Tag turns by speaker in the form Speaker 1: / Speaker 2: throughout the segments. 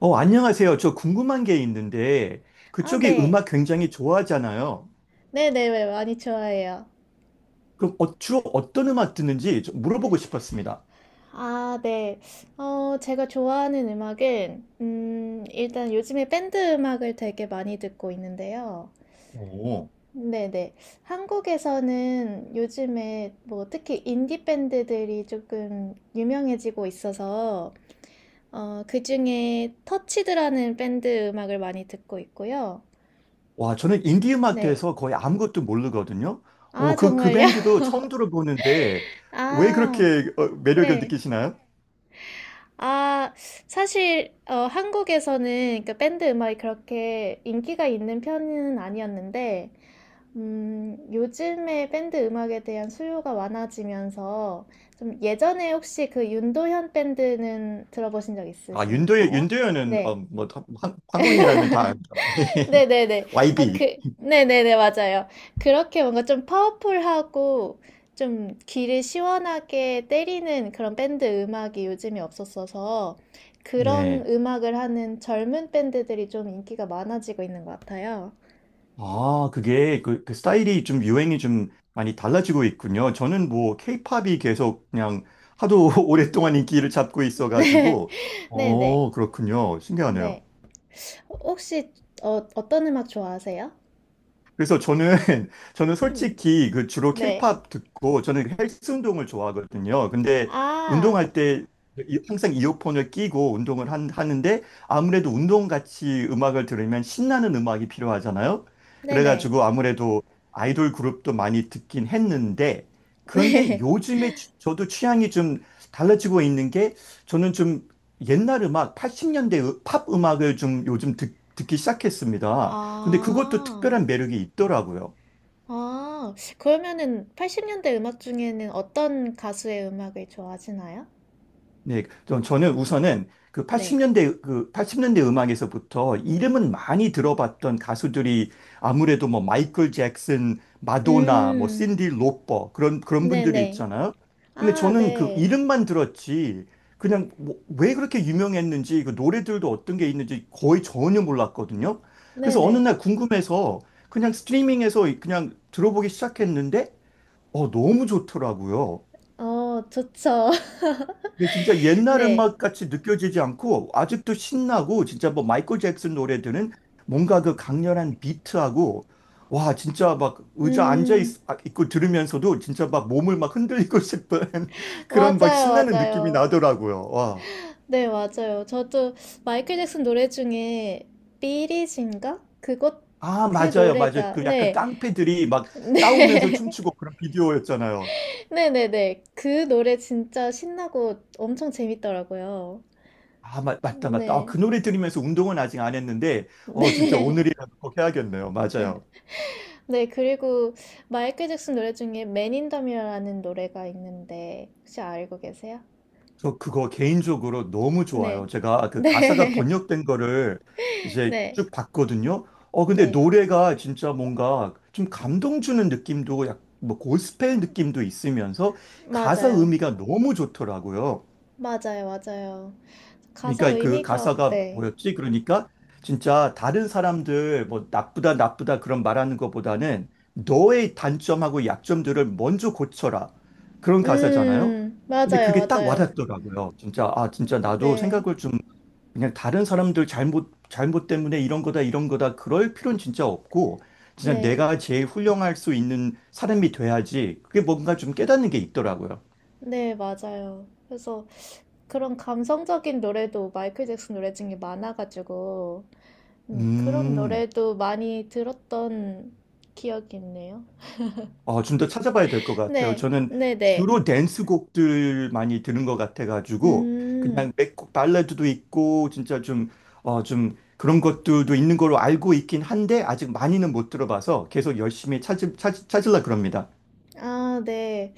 Speaker 1: 안녕하세요. 저 궁금한 게 있는데,
Speaker 2: 아,
Speaker 1: 그쪽이
Speaker 2: 네.
Speaker 1: 음악 굉장히 좋아하잖아요.
Speaker 2: 네네, 네, 많이 좋아해요.
Speaker 1: 그럼 주로 어떤 음악 듣는지 좀 물어보고 싶었습니다.
Speaker 2: 아, 네. 어, 제가 좋아하는 음악은, 일단 요즘에 밴드 음악을 되게 많이 듣고 있는데요.
Speaker 1: 오,
Speaker 2: 네네. 한국에서는 요즘에 뭐 특히 인디 밴드들이 조금 유명해지고 있어서, 그중에 터치드라는 밴드 음악을 많이 듣고 있고요.
Speaker 1: 와, 저는 인디 음악
Speaker 2: 네.
Speaker 1: 대해서 거의 아무것도 모르거든요.
Speaker 2: 아,
Speaker 1: 오 그
Speaker 2: 정말요?
Speaker 1: 밴드도 처음 들어보는데, 왜 그렇게
Speaker 2: 아,
Speaker 1: 매력을
Speaker 2: 네.
Speaker 1: 느끼시나요?
Speaker 2: 아, 사실 한국에서는 그 밴드 음악이 그렇게 인기가 있는 편은 아니었는데, 요즘에 밴드 음악에 대한 수요가 많아지면서 좀 예전에 혹시 그 윤도현 밴드는 들어보신 적
Speaker 1: 아,
Speaker 2: 있으신가요?
Speaker 1: 윤도현은,
Speaker 2: 네.
Speaker 1: 한국인이라면 다 알죠.
Speaker 2: 네네네. 아,
Speaker 1: YB.
Speaker 2: 그, 네네네, 맞아요. 그렇게 뭔가 좀 파워풀하고 좀 귀를 시원하게 때리는 그런 밴드 음악이 요즘에 없었어서 그런
Speaker 1: 네.
Speaker 2: 음악을 하는 젊은 밴드들이 좀 인기가 많아지고 있는 것 같아요.
Speaker 1: 아, 그게 그 스타일이 좀 유행이 좀 많이 달라지고 있군요. 저는 뭐 케이팝이 계속 그냥 하도 오랫동안 인기를 잡고 있어가지고,
Speaker 2: 네. 네네.
Speaker 1: 그렇군요. 신기하네요.
Speaker 2: 네. 혹시 어떤 음악 좋아하세요?
Speaker 1: 그래서 저는 저는
Speaker 2: 음,
Speaker 1: 솔직히 그 주로
Speaker 2: 네.
Speaker 1: 케이팝 듣고 저는 그 헬스 운동을 좋아하거든요. 근데
Speaker 2: 아,
Speaker 1: 운동할 때 항상 이어폰을 끼고 운동을 하는데 아무래도 운동 같이 음악을 들으면 신나는 음악이 필요하잖아요.
Speaker 2: 네네.
Speaker 1: 그래가지고 아무래도 아이돌 그룹도 많이 듣긴 했는데 그런데
Speaker 2: 네.
Speaker 1: 요즘에 저도 취향이 좀 달라지고 있는 게 저는 좀 옛날 음악, 80년대 팝 음악을 좀 요즘 듣기 시작했습니다. 근데 그것도
Speaker 2: 아.
Speaker 1: 특별한 매력이 있더라고요.
Speaker 2: 아, 그러면은 80년대 음악 중에는 어떤 가수의 음악을 좋아하시나요?
Speaker 1: 네, 저는 우선은 그
Speaker 2: 네.
Speaker 1: 80년대, 그 80년대 음악에서부터 이름은 많이 들어봤던 가수들이 아무래도 뭐 마이클 잭슨, 마도나, 뭐
Speaker 2: 음,
Speaker 1: 신디 로퍼 그런 분들이
Speaker 2: 네네.
Speaker 1: 있잖아요. 근데
Speaker 2: 아,
Speaker 1: 저는 그
Speaker 2: 네.
Speaker 1: 이름만 들었지 그냥 뭐왜 그렇게 유명했는지 그 노래들도 어떤 게 있는지 거의 전혀 몰랐거든요. 그래서 어느
Speaker 2: 네네.
Speaker 1: 날 궁금해서 그냥 스트리밍에서 그냥 들어보기 시작했는데 너무 좋더라고요.
Speaker 2: 어, 좋죠.
Speaker 1: 근데 진짜 옛날
Speaker 2: 네.
Speaker 1: 음악 같이 느껴지지 않고 아직도 신나고 진짜 뭐 마이클 잭슨 노래들은 뭔가 그 강렬한 비트하고 와 진짜 막 의자 앉아
Speaker 2: 음,
Speaker 1: 있고 들으면서도 진짜 막 몸을 막 흔들리고 싶은 그런 막
Speaker 2: 맞아요,
Speaker 1: 신나는 느낌이
Speaker 2: 맞아요.
Speaker 1: 나더라고요. 와.
Speaker 2: 네, 맞아요. 저도 마이클 잭슨 노래 중에 삐리진가? 그것,
Speaker 1: 아,
Speaker 2: 그
Speaker 1: 맞아요. 맞아요.
Speaker 2: 노래가,
Speaker 1: 그 약간
Speaker 2: 네.
Speaker 1: 깡패들이 막 싸우면서
Speaker 2: 네.
Speaker 1: 춤추고 그런 비디오였잖아요.
Speaker 2: 네네네. 그 노래 진짜 신나고 엄청 재밌더라고요.
Speaker 1: 아, 맞다, 맞다. 아,
Speaker 2: 네.
Speaker 1: 그 노래 들으면서 운동은 아직 안 했는데, 진짜
Speaker 2: 네.
Speaker 1: 오늘이라도 꼭 해야겠네요. 맞아요.
Speaker 2: 네, 그리고 마이클 잭슨 노래 중에 Man in the Mirror라는 노래가 있는데 혹시 알고 계세요?
Speaker 1: 저 그거 개인적으로 너무 좋아요.
Speaker 2: 네.
Speaker 1: 제가 그 가사가
Speaker 2: 네.
Speaker 1: 번역된 거를 이제
Speaker 2: 네.
Speaker 1: 쭉 봤거든요. 근데
Speaker 2: 네.
Speaker 1: 노래가 진짜 뭔가 좀 감동 주는 느낌도 뭐 고스펠 느낌도 있으면서 가사
Speaker 2: 맞아요.
Speaker 1: 의미가 너무 좋더라고요.
Speaker 2: 맞아요. 맞아요. 가사
Speaker 1: 그러니까 그
Speaker 2: 의미가
Speaker 1: 가사가
Speaker 2: 네.
Speaker 1: 뭐였지? 그러니까 진짜 다른 사람들 뭐 나쁘다 나쁘다 그런 말하는 것보다는 너의 단점하고 약점들을 먼저 고쳐라. 그런 가사잖아요.
Speaker 2: 음.
Speaker 1: 근데
Speaker 2: 맞아요.
Speaker 1: 그게 딱
Speaker 2: 맞아요.
Speaker 1: 와닿더라고요. 진짜 아 진짜 나도
Speaker 2: 네.
Speaker 1: 생각을 좀 그냥 다른 사람들 잘못 잘못 때문에 이런 거다 이런 거다 그럴 필요는 진짜 없고 진짜
Speaker 2: 네.
Speaker 1: 내가 제일 훌륭할 수 있는 사람이 돼야지. 그게 뭔가 좀 깨닫는 게 있더라고요.
Speaker 2: 네, 맞아요. 그래서 그런 감성적인 노래도 마이클 잭슨 노래 중에 많아가지고 그런
Speaker 1: 음.
Speaker 2: 노래도 많이 들었던 기억이 있네요.
Speaker 1: 어, 좀 더 찾아봐야 될 것 같아요.
Speaker 2: 네,
Speaker 1: 저는
Speaker 2: 네, 네.
Speaker 1: 주로 댄스 곡들 많이 듣는 것 같아가지고,
Speaker 2: 음,
Speaker 1: 그냥 맥곡 발라드도 있고, 진짜 좀 그런 것들도 있는 걸로 알고 있긴 한데, 아직 많이는 못 들어봐서 계속 열심히 찾으려 그럽니다.
Speaker 2: 아, 네.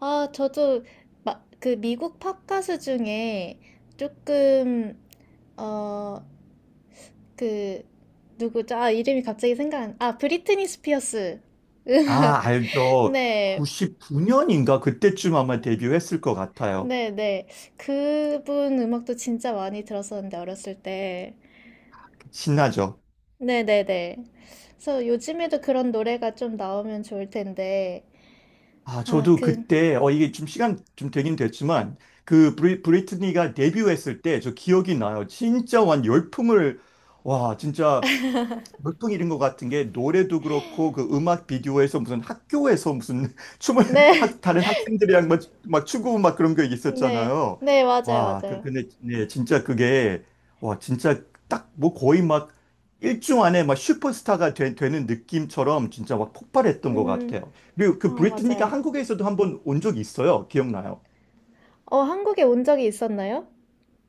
Speaker 2: 아, 저도 막 그 미국 팝가수 중에 조금 어, 그 누구죠? 아, 이름이 갑자기 생각 안, 아, 브리트니 스피어스
Speaker 1: 아,
Speaker 2: 음악.
Speaker 1: 알죠.
Speaker 2: 네.
Speaker 1: 99년인가? 그때쯤 아마 데뷔했을 것 같아요.
Speaker 2: 네, 네. 그분 음악도 진짜 많이 들었었는데 어렸을 때.
Speaker 1: 신나죠.
Speaker 2: 네, 네, 네. 그래서 요즘에도 그런 노래가 좀 나오면 좋을 텐데.
Speaker 1: 아,
Speaker 2: 아,
Speaker 1: 저도
Speaker 2: 그
Speaker 1: 그때, 이게 좀 시간 좀 되긴 됐지만, 그 브리트니가 데뷔했을 때 저 기억이 나요. 진짜 완 열풍을, 와, 진짜 보통 이런 것 같은 게 노래도 그렇고 그 음악 비디오에서 무슨 학교에서 무슨 춤을
Speaker 2: 네.
Speaker 1: 다른 학생들이랑 막 추고 막 그런 게
Speaker 2: 네.
Speaker 1: 있었잖아요.
Speaker 2: 네, 맞아요.
Speaker 1: 와,
Speaker 2: 맞아요.
Speaker 1: 근데 네, 진짜 그게 와 진짜 딱 뭐 거의 막 일주 안에 막 슈퍼스타가 는 느낌처럼 진짜 막 폭발했던 것
Speaker 2: 음.
Speaker 1: 같아요. 그리고
Speaker 2: 아,
Speaker 1: 그 브리트니가
Speaker 2: 맞아요.
Speaker 1: 한국에서도 한번 온 적이 있어요. 기억나요?
Speaker 2: 어, 한국에 온 적이 있었나요?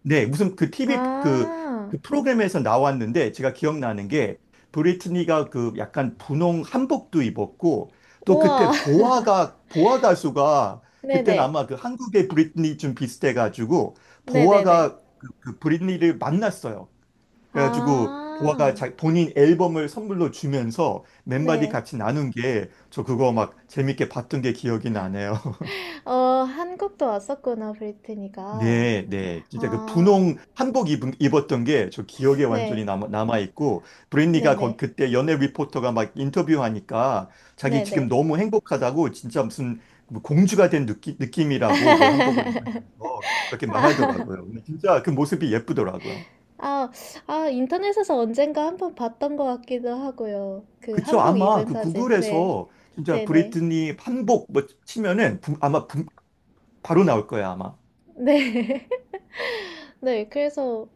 Speaker 1: 네, 무슨 그 TV 그,
Speaker 2: 아,
Speaker 1: 그 프로그램에서 나왔는데 제가 기억나는 게 브리트니가 그 약간 분홍 한복도 입었고 또
Speaker 2: 우와.
Speaker 1: 그때 보아 가수가 그때는
Speaker 2: 네네.
Speaker 1: 아마 그 한국의 브리트니 좀 비슷해가지고
Speaker 2: 네네네.
Speaker 1: 보아가 그 브리트니를 만났어요. 그래가지고 보아가
Speaker 2: 아,
Speaker 1: 본인 앨범을 선물로 주면서 몇 마디
Speaker 2: 네.
Speaker 1: 같이 나눈 게 저 그거 막 재밌게 봤던 게 기억이 나네요.
Speaker 2: 어, 한국도 왔었구나, 브리트니가.
Speaker 1: 네, 네. 진짜 그
Speaker 2: 아,
Speaker 1: 분홍 한복 입었던 게 저 기억에 완전히
Speaker 2: 네.
Speaker 1: 남아있고, 브랜니가
Speaker 2: 네네.
Speaker 1: 그때 연예 리포터가 막 인터뷰하니까 자기 지금
Speaker 2: 네네.
Speaker 1: 너무 행복하다고 진짜 무슨 뭐 공주가 된 느낌이라고 그 한복을 입으면서 그렇게
Speaker 2: 아,
Speaker 1: 말하더라고요. 근데 진짜 그 모습이 예쁘더라고요.
Speaker 2: 아, 아, 인터넷에서 언젠가 한번 봤던 것 같기도 하고요. 그
Speaker 1: 그쵸.
Speaker 2: 한복
Speaker 1: 아마
Speaker 2: 입은
Speaker 1: 그
Speaker 2: 사진. 네.
Speaker 1: 구글에서 진짜
Speaker 2: 네네.
Speaker 1: 브리트니 한복 뭐 치면은 바로 나올 거야, 아마.
Speaker 2: 네. 네, 그래서,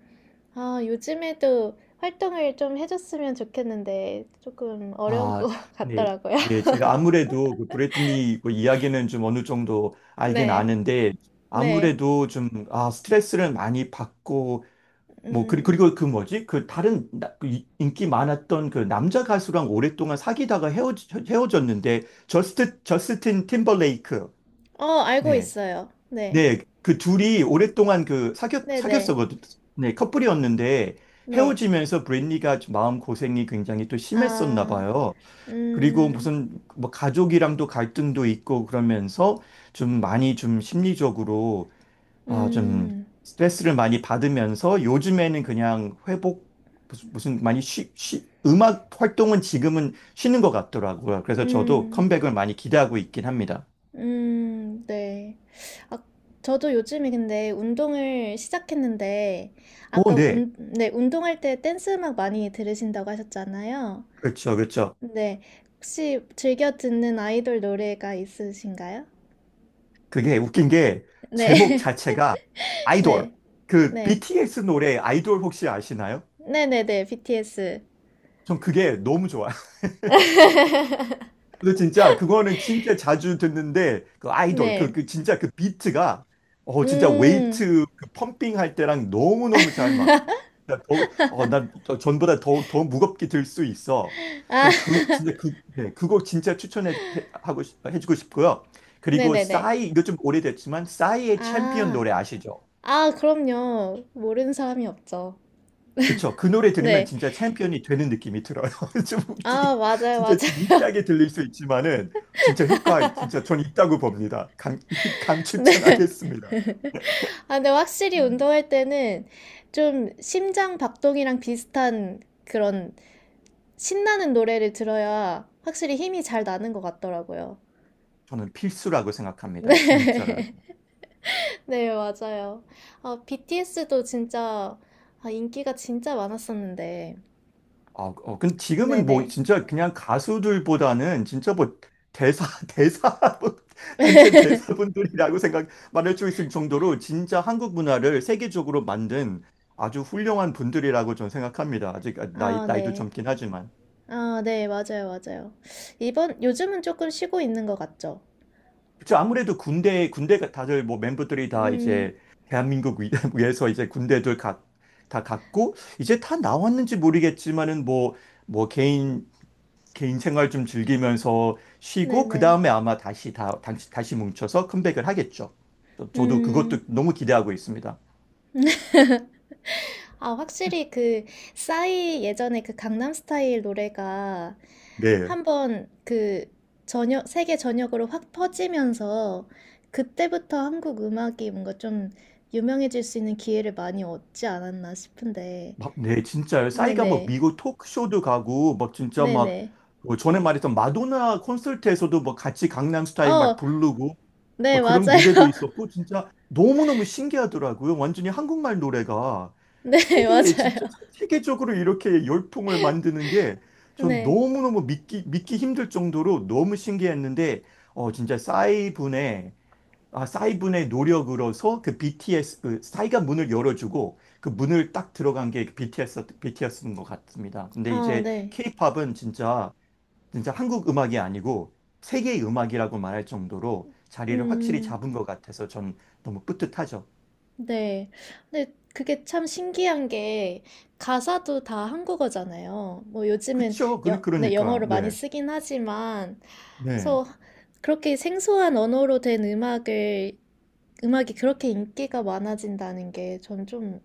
Speaker 2: 아, 요즘에도 활동을 좀 해줬으면 좋겠는데 조금 어려운
Speaker 1: 아,
Speaker 2: 것
Speaker 1: 네.
Speaker 2: 같더라고요.
Speaker 1: 네, 제가 아무래도 그 브래틀리 그 이야기는 좀 어느 정도 알긴
Speaker 2: 네,
Speaker 1: 아는데,
Speaker 2: 네,
Speaker 1: 아무래도 좀, 아, 스트레스를 많이 받고, 뭐,
Speaker 2: 음,
Speaker 1: 그리고 그 뭐지? 그 다른 그 인기 많았던 그 남자 가수랑 오랫동안 사귀다가 헤어졌는데, 저스틴 팀버레이크.
Speaker 2: 어, 알고
Speaker 1: 네.
Speaker 2: 있어요. 네,
Speaker 1: 네. 그 둘이 오랫동안 그
Speaker 2: 네, 네,
Speaker 1: 사귀었었거든. 네. 커플이었는데,
Speaker 2: 네.
Speaker 1: 헤어지면서 브랜니가 마음 고생이 굉장히 또 심했었나
Speaker 2: 아,
Speaker 1: 봐요. 그리고
Speaker 2: 음,
Speaker 1: 무슨 뭐 가족이랑도 갈등도 있고 그러면서 좀 많이 좀 심리적으로 아, 좀
Speaker 2: 음,
Speaker 1: 스트레스를 많이 받으면서 요즘에는 그냥 회복 무슨 많이 음악 활동은 지금은 쉬는 것 같더라고요. 그래서 저도
Speaker 2: 음,
Speaker 1: 컴백을 많이 기대하고 있긴 합니다.
Speaker 2: 네. 아, 저도 요즘에 근데 운동을 시작했는데
Speaker 1: 오,
Speaker 2: 아까
Speaker 1: 네.
Speaker 2: 운, 네, 운동할 때 댄스 음악 많이 들으신다고 하셨잖아요.
Speaker 1: 그렇죠, 그렇죠.
Speaker 2: 네. 혹시 즐겨 듣는 아이돌 노래가 있으신가요?
Speaker 1: 그게 웃긴 게 제목
Speaker 2: 네.
Speaker 1: 자체가 아이돌.
Speaker 2: 네.
Speaker 1: 그
Speaker 2: 네.
Speaker 1: BTS 노래 아이돌 혹시 아시나요?
Speaker 2: 네네네. BTS.
Speaker 1: 전 그게 너무 좋아요. 근데 진짜 그거는 진짜 자주 듣는데 그 아이돌
Speaker 2: 네.
Speaker 1: 그 진짜 그 비트가 어 진짜
Speaker 2: 음.
Speaker 1: 웨이트 그 펌핑 할 때랑 너무너무 잘 맞고 나 전보다 더 무겁게 들 수 있어.
Speaker 2: 아,
Speaker 1: 전 그 진짜 그 네, 그거 진짜 추천해 해- 하고 싶- 해주고 싶고요. 그리고
Speaker 2: 네네네.
Speaker 1: 싸이 이거 좀 오래됐지만 싸이의 챔피언
Speaker 2: 아.
Speaker 1: 노래 아시죠?
Speaker 2: 아, 그럼요. 모르는 사람이 없죠.
Speaker 1: 그쵸. 그 노래 들으면
Speaker 2: 네.
Speaker 1: 진짜 챔피언이 되는 느낌이 들어요. 좀
Speaker 2: 아,
Speaker 1: 웃기게,
Speaker 2: 맞아요.
Speaker 1: 진짜 좀
Speaker 2: 맞아요.
Speaker 1: 유치하게 들릴 수 있지만은, 진짜 전 있다고 봅니다.
Speaker 2: 네.
Speaker 1: 강추천하겠습니다.
Speaker 2: 아, 근데 확실히 운동할 때는 좀 심장 박동이랑 비슷한 그런 신나는 노래를 들어야 확실히 힘이 잘 나는 것 같더라고요.
Speaker 1: 저는 필수라고 생각합니다. 진짜로요.
Speaker 2: 네, 맞아요. 아, BTS도 진짜 아, 인기가 진짜 많았었는데.
Speaker 1: 근데 지금은 뭐,
Speaker 2: 네네.
Speaker 1: 진짜 그냥 가수들보다는 진짜 뭐, 대사, 대사, 분- 단체 대사분들이라고 말할 수 있을 정도로 진짜 한국 문화를 세계적으로 만든 아주 훌륭한 분들이라고 저는 생각합니다. 아직
Speaker 2: 아,
Speaker 1: 나이도
Speaker 2: 네.
Speaker 1: 젊긴 하지만.
Speaker 2: 아, 네, 맞아요, 맞아요. 이번, 요즘은 조금 쉬고 있는 것 같죠?
Speaker 1: 그쵸. 아무래도 군대가 다들 뭐 멤버들이 다
Speaker 2: 음,
Speaker 1: 이제 위에서 이제 군대들 각, 다 갔고, 이제 다 나왔는지 모르겠지만은 뭐, 뭐 개인, 개인 생활 좀 즐기면서 쉬고, 그
Speaker 2: 네네.
Speaker 1: 다음에 아마 다시 다시 뭉쳐서 컴백을 하겠죠. 저도 그것도
Speaker 2: 음.
Speaker 1: 너무 기대하고 있습니다.
Speaker 2: 아, 확실히 그 싸이 예전에 그 강남스타일 노래가
Speaker 1: 네.
Speaker 2: 한번 그 전역 세계 전역으로 확 퍼지면서 그때부터 한국 음악이 뭔가 좀 유명해질 수 있는 기회를 많이 얻지 않았나 싶은데.
Speaker 1: 막, 네, 진짜요. 싸이가 뭐
Speaker 2: 네네.
Speaker 1: 미국 토크쇼도 가고, 막 진짜 막,
Speaker 2: 네네.
Speaker 1: 뭐 전에 말했던 마도나 콘서트에서도 뭐 같이 강남스타일 막
Speaker 2: 어,
Speaker 1: 부르고,
Speaker 2: 네,
Speaker 1: 막
Speaker 2: 맞아요.
Speaker 1: 그런 무대도 있었고 진짜 너무너무 신기하더라고요. 완전히 한국말 노래가
Speaker 2: 네,
Speaker 1: 세계에 진짜
Speaker 2: 맞아요.
Speaker 1: 세계적으로 이렇게 열풍을 만드는 게 전
Speaker 2: 네.
Speaker 1: 너무너무 믿기 힘들 정도로 너무 신기했는데 어 진짜 싸이 분의 노력으로서 그 BTS 그 싸이가 문을 열어주고 그 문을 딱 들어간 게 BTS인 것 같습니다. 근데
Speaker 2: 아,
Speaker 1: 이제
Speaker 2: 네.
Speaker 1: K-팝은 진짜 한국 음악이 아니고 세계의 음악이라고 말할 정도로 자리를 확실히
Speaker 2: 음.
Speaker 1: 잡은 것 같아서 전 너무 뿌듯하죠.
Speaker 2: 네. 근데 그게 참 신기한 게 가사도 다 한국어잖아요. 뭐 요즘은
Speaker 1: 그쵸?
Speaker 2: 여, 네,
Speaker 1: 그러니까요.
Speaker 2: 영어로 많이
Speaker 1: 네.
Speaker 2: 쓰긴 하지만
Speaker 1: 네.
Speaker 2: 그래서 그렇게 생소한 언어로 된 음악을 음악이 그렇게 인기가 많아진다는 게 전 좀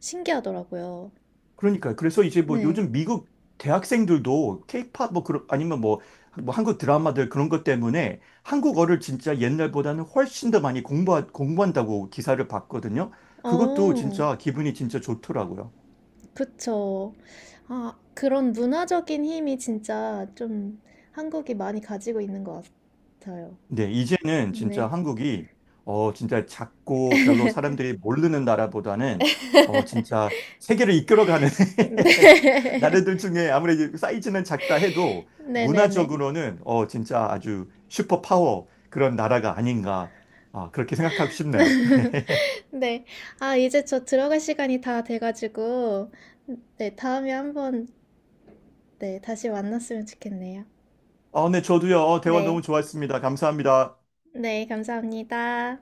Speaker 2: 신기하더라고요.
Speaker 1: 그러니까요. 그래서 이제 뭐
Speaker 2: 네.
Speaker 1: 요즘 미국 대학생들도 케이팝 뭐 그런 아니면 뭐, 뭐 한국 드라마들 그런 것 때문에 한국어를 진짜 옛날보다는 훨씬 더 많이 공부한다고 기사를 봤거든요. 그것도
Speaker 2: 어,
Speaker 1: 진짜 기분이 진짜 좋더라고요.
Speaker 2: 그쵸. 아, 그런 문화적인 힘이 진짜 좀 한국이 많이 가지고 있는 것 같아요.
Speaker 1: 네, 이제는 진짜
Speaker 2: 네.
Speaker 1: 한국이 어 진짜 작고 별로 사람들이 모르는 나라보다는 어 진짜 세계를 이끌어가는
Speaker 2: 네.
Speaker 1: 나라들 중에 아무래도 사이즈는 작다 해도
Speaker 2: 네네네.
Speaker 1: 문화적으로는 어 진짜 아주 슈퍼 파워 그런 나라가 아닌가 아 그렇게 생각하고 싶네요.
Speaker 2: 네. 아, 이제 저 들어갈 시간이 다 돼가지고, 네, 다음에 한번, 네, 다시 만났으면 좋겠네요.
Speaker 1: 아, 네, 저도요. 어, 대화
Speaker 2: 네.
Speaker 1: 너무 좋았습니다. 감사합니다.
Speaker 2: 네, 감사합니다.